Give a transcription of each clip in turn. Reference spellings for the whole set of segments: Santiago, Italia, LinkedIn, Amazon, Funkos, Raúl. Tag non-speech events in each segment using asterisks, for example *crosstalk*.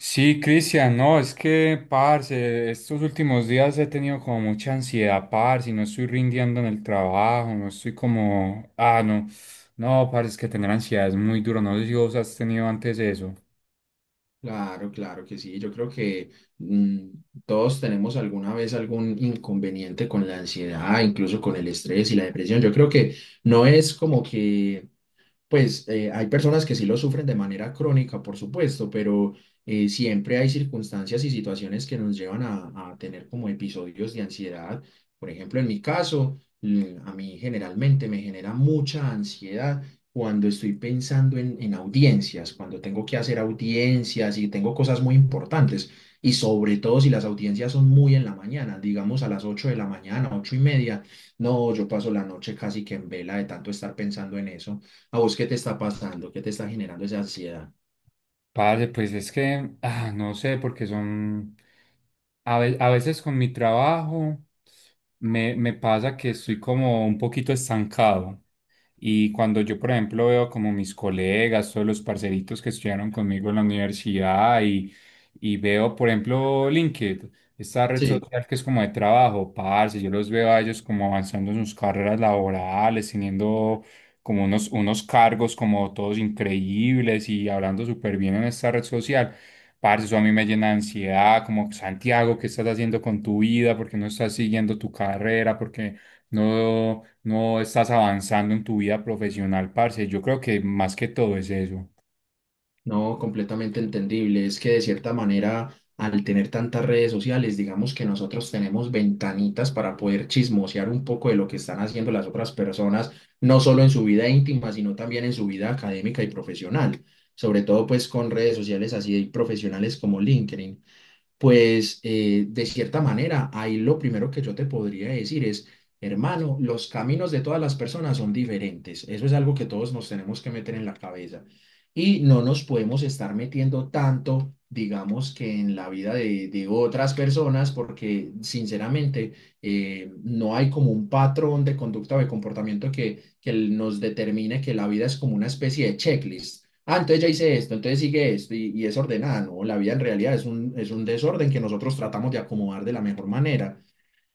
Sí, Cristian, no, es que, parce, estos últimos días he tenido como mucha ansiedad, parce, y no estoy rindiendo en el trabajo, no estoy como, no, no, parce, es que tener ansiedad es muy duro, no sé si vos has tenido antes eso. Claro, claro que sí. Yo creo que mm, todos tenemos alguna vez algún inconveniente con la ansiedad, incluso con el estrés y la depresión. Yo creo que no es como que pues hay personas que sí lo sufren de manera crónica, por supuesto, pero siempre hay circunstancias y situaciones que nos llevan a tener como episodios de ansiedad. Por ejemplo, en mi caso, a mí generalmente me genera mucha ansiedad cuando estoy pensando en audiencias, cuando tengo que hacer audiencias y tengo cosas muy importantes. Y sobre todo si las audiencias son muy en la mañana, digamos a las 8 de la mañana, 8:30, no, yo paso la noche casi que en vela de tanto estar pensando en eso. ¿A vos qué te está pasando? ¿Qué te está generando esa ansiedad? Parce, pues es que, no sé, porque son, a veces con mi trabajo me pasa que estoy como un poquito estancado. Y cuando yo, por ejemplo, veo como mis colegas, todos los parceritos que estudiaron conmigo en la universidad y veo, por ejemplo, LinkedIn, esta red Sí, social que es como de trabajo, parce, yo los veo a ellos como avanzando en sus carreras laborales, teniendo como unos cargos como todos increíbles y hablando súper bien en esta red social. Parce, eso a mí me llena de ansiedad, como Santiago, ¿qué estás haciendo con tu vida? ¿Por qué no estás siguiendo tu carrera? Porque no, no estás avanzando en tu vida profesional, parce. Yo creo que más que todo es eso. no, completamente entendible. Es que de cierta manera, al tener tantas redes sociales, digamos que nosotros tenemos ventanitas para poder chismosear un poco de lo que están haciendo las otras personas, no solo en su vida íntima, sino también en su vida académica y profesional. Sobre todo, pues, con redes sociales así profesionales como LinkedIn. Pues de cierta manera, ahí lo primero que yo te podría decir es, hermano, los caminos de todas las personas son diferentes. Eso es algo que todos nos tenemos que meter en la cabeza. Y no nos podemos estar metiendo tanto, digamos, que en la vida de otras personas, porque sinceramente no hay como un patrón de conducta o de comportamiento que nos determine que la vida es como una especie de checklist. Ah, entonces ya hice esto, entonces sigue esto y es ordenada, ¿no? La vida en realidad es un desorden que nosotros tratamos de acomodar de la mejor manera.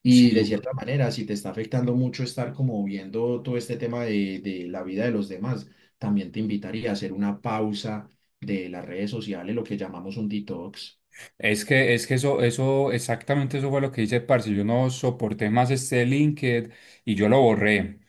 Y Sí. de cierta manera, si te está afectando mucho estar como viendo todo este tema de la vida de los demás, también te invitaría a hacer una pausa de las redes sociales, lo que llamamos un detox. Es que eso, eso, exactamente eso fue lo que hice, parce. Yo no soporté más este LinkedIn y yo lo borré.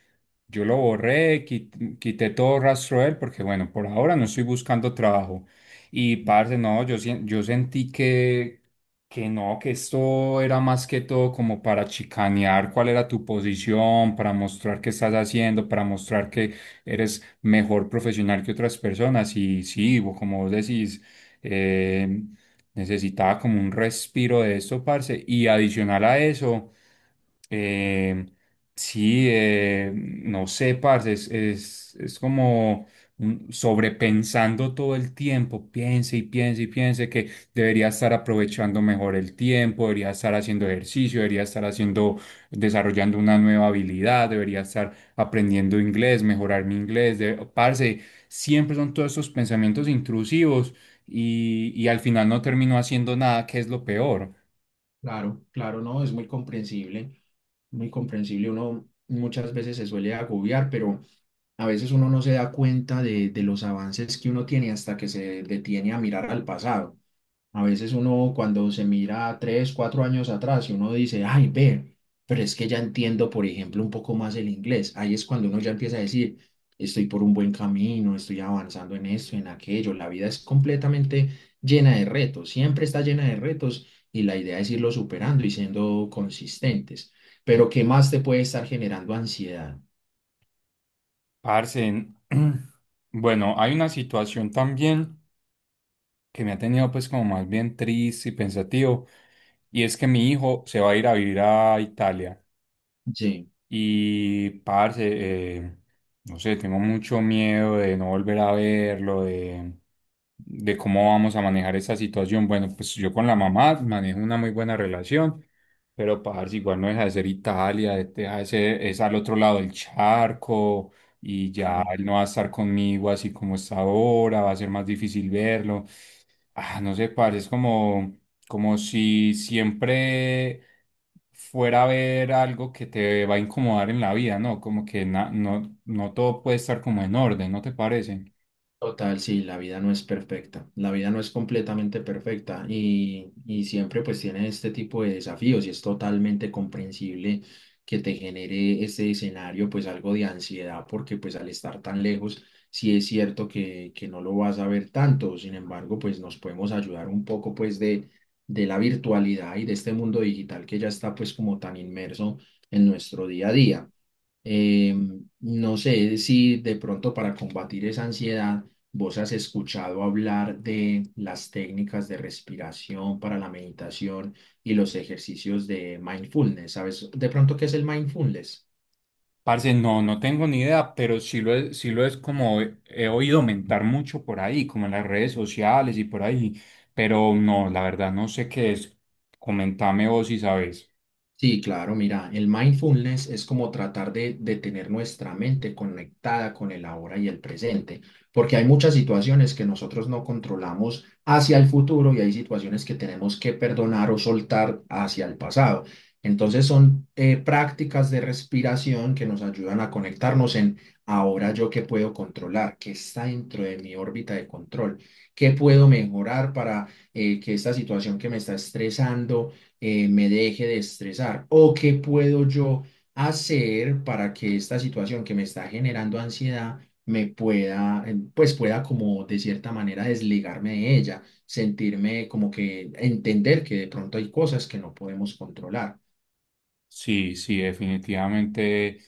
Yo lo borré, quité todo rastro de él porque, bueno, por ahora no estoy buscando trabajo. Y parce, no, yo, yo sentí que no, que esto era más que todo como para chicanear cuál era tu posición, para mostrar qué estás haciendo, para mostrar que eres mejor profesional que otras personas. Y sí, como vos decís, eh, necesitaba como un respiro de esto, parce. Y adicional a eso. em, Sí, no sé, parce, es como sobrepensando todo el tiempo, piense y piense y piense que debería estar aprovechando mejor el tiempo, debería estar haciendo ejercicio, debería estar haciendo, desarrollando una nueva habilidad, debería estar aprendiendo inglés, mejorar mi inglés, de, parce, siempre son todos esos pensamientos intrusivos y al final no termino haciendo nada, que es lo peor. Claro, claro, no, es muy comprensible, muy comprensible. Uno muchas veces se suele agobiar, pero. A veces uno no se da cuenta de los avances que uno tiene hasta que se detiene a mirar al pasado. A veces uno cuando se mira 3, 4 años atrás y uno dice, ay, ve, pero es que ya entiendo, por ejemplo, un poco más el inglés. Ahí es cuando uno ya empieza a decir, estoy por un buen camino, estoy avanzando en esto, en aquello. La vida es completamente llena de retos, siempre está llena de retos y la idea es irlo superando y siendo consistentes. Pero ¿qué más te puede estar generando ansiedad? Parce, *clears throat* bueno, hay una situación también, que me ha tenido pues como más bien triste y pensativo. Y es que mi hijo se va a ir a vivir a Italia. Sí. Y, parce, eh, no sé, tengo mucho miedo de no volver a verlo, de cómo vamos a manejar esa situación. Bueno, pues yo con la mamá manejo una muy buena relación, pero, parce, igual no deja de ser Italia, es al otro lado del charco y ya Claro. él no va a estar conmigo así como está ahora, va a ser más difícil verlo. No sé, parce, es como, como si siempre fuera a haber algo que te va a incomodar en la vida, ¿no? Como que no, no todo puede estar como en orden, ¿no te parece? Total, sí, la vida no es perfecta, la vida no es completamente perfecta y siempre pues tiene este tipo de desafíos y es totalmente comprensible que te genere este escenario pues algo de ansiedad porque pues al estar tan lejos sí es cierto que no lo vas a ver tanto, sin embargo pues nos podemos ayudar un poco pues de la virtualidad y de este mundo digital que ya está pues como tan inmerso en nuestro día a día. Eh, no sé si de pronto para combatir esa ansiedad vos has escuchado hablar de las técnicas de respiración para la meditación y los ejercicios de mindfulness. ¿Sabes de pronto qué es el mindfulness? Parce, no, no tengo ni idea, pero sí lo es como he oído mentar mucho por ahí, como en las redes sociales y por ahí, pero no, la verdad no sé qué es. Comentame vos si sabes. Sí, claro, mira, el mindfulness es como tratar de tener nuestra mente conectada con el ahora y el presente, porque hay muchas situaciones que nosotros no controlamos hacia el futuro y hay situaciones que tenemos que perdonar o soltar hacia el pasado. Entonces son prácticas de respiración que nos ayudan a conectarnos en ahora yo qué puedo controlar, qué está dentro de mi órbita de control, ¿qué puedo mejorar para que esta situación que me está estresando me deje de estresar? ¿O qué puedo yo hacer para que esta situación que me está generando ansiedad me pueda, pues pueda como de cierta manera desligarme de ella, sentirme como que entender que de pronto hay cosas que no podemos controlar? Sí, sí, definitivamente,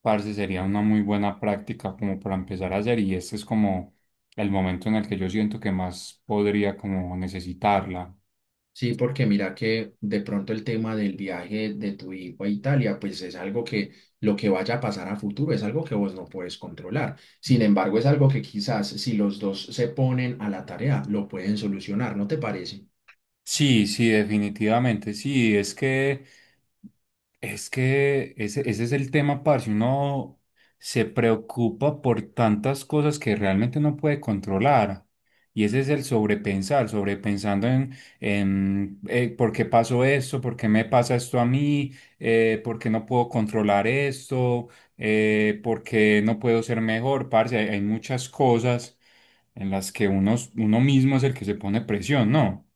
parce, sería una muy buena práctica como para empezar a hacer y este es como el momento en el que yo siento que más podría como necesitarla. Sí, porque mira que de pronto el tema del viaje de tu hijo a Italia, pues es algo que lo que vaya a pasar a futuro es algo que vos no puedes controlar. Sin embargo, es algo que quizás si los dos se ponen a la tarea, lo pueden solucionar, ¿no te parece? Sí, sí, definitivamente, sí, es que... Es que ese es el tema, parce. Uno se preocupa por tantas cosas que realmente no puede controlar. Y ese es el sobrepensar, sobrepensando en por qué pasó esto, por qué me pasa esto a mí, por qué no puedo controlar esto, por qué no puedo ser mejor, parce. Hay muchas cosas en las que uno, uno mismo es el que se pone presión, ¿no?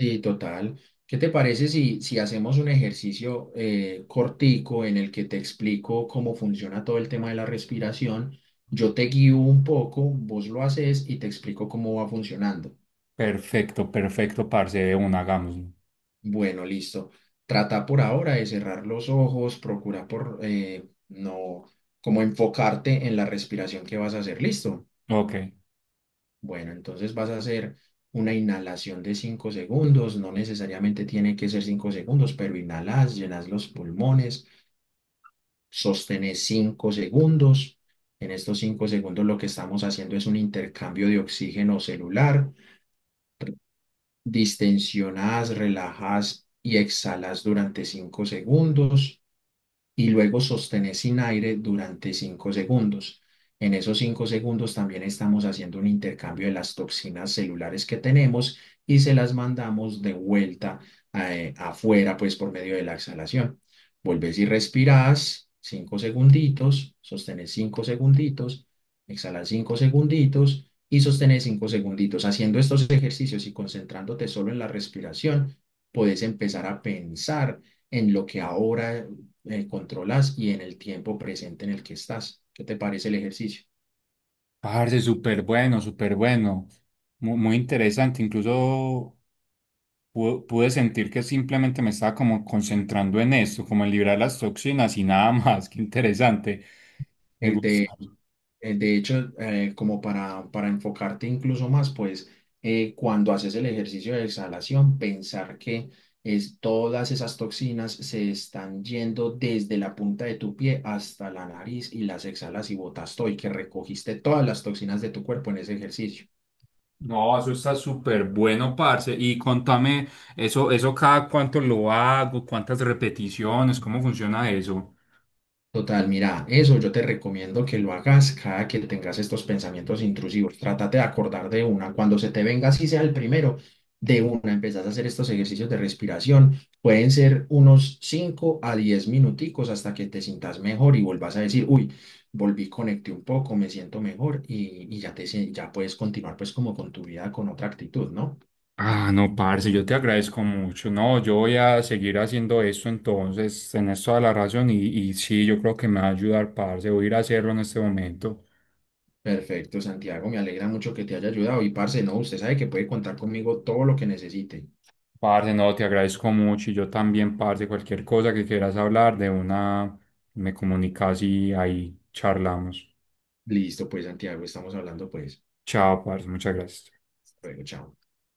Sí, total. ¿Qué te parece si, hacemos un ejercicio cortico en el que te explico cómo funciona todo el tema de la respiración? Yo te guío un poco, vos lo haces y te explico cómo va funcionando. Perfecto, perfecto, parce, de una, hagámoslo. Bueno, listo. Trata por ahora de cerrar los ojos, procura por no, como enfocarte en la respiración que vas a hacer. Listo. Ok. Bueno, entonces vas a hacer una inhalación de 5 segundos. No necesariamente tiene que ser 5 segundos, pero inhalas, llenas los pulmones, sostenes 5 segundos. En estos 5 segundos lo que estamos haciendo es un intercambio de oxígeno celular. Distensionas, relajas y exhalas durante 5 segundos. Y luego sostener sin aire durante 5 segundos. En esos 5 segundos también estamos haciendo un intercambio de las toxinas celulares que tenemos y se las mandamos de vuelta afuera, pues por medio de la exhalación. Volvés y respirás 5 segunditos, sostenés 5 segunditos, exhalas 5 segunditos y sostener 5 segunditos. Haciendo estos ejercicios y concentrándote solo en la respiración, puedes empezar a pensar en lo que ahora controlas y en el tiempo presente en el que estás. ¿Qué te parece el ejercicio? Parce, súper bueno, súper bueno. Muy interesante. Incluso pude sentir que simplemente me estaba como concentrando en esto, como en librar las toxinas y nada más. *laughs* Qué interesante. Me El de, gusta. el de hecho, como para enfocarte incluso más, pues cuando haces el ejercicio de exhalación, pensar que es, todas esas toxinas se están yendo desde la punta de tu pie hasta la nariz y las exhalas y botas todo y que recogiste todas las toxinas de tu cuerpo en ese ejercicio. No, eso está súper bueno, parce. Y contame, eso cada cuánto lo hago, cuántas repeticiones, cómo funciona eso. Total, mira, eso yo te recomiendo que lo hagas cada que tengas estos pensamientos intrusivos. Trátate de acordar de una. Cuando se te venga, así sea el primero, de una empezás a hacer estos ejercicios de respiración. Pueden ser unos 5 a 10 minuticos hasta que te sientas mejor y vuelvas a decir, uy, volví, conecté un poco, me siento mejor y ya puedes continuar pues como con tu vida con otra actitud, ¿no? No, parce, yo te agradezco mucho. No, yo voy a seguir haciendo esto entonces, tenés toda la razón y sí, yo creo que me va a ayudar, parce. Voy a ir a hacerlo en este momento. Perfecto, Santiago, me alegra mucho que te haya ayudado y parce, no, usted sabe que puede contar conmigo todo lo que necesite. Parce, no, te agradezco mucho y yo también, parce, cualquier cosa que quieras hablar de una, me comunicas y ahí charlamos. Listo, pues Santiago, estamos hablando, pues. Chao, parce, muchas gracias. Hasta luego, chao.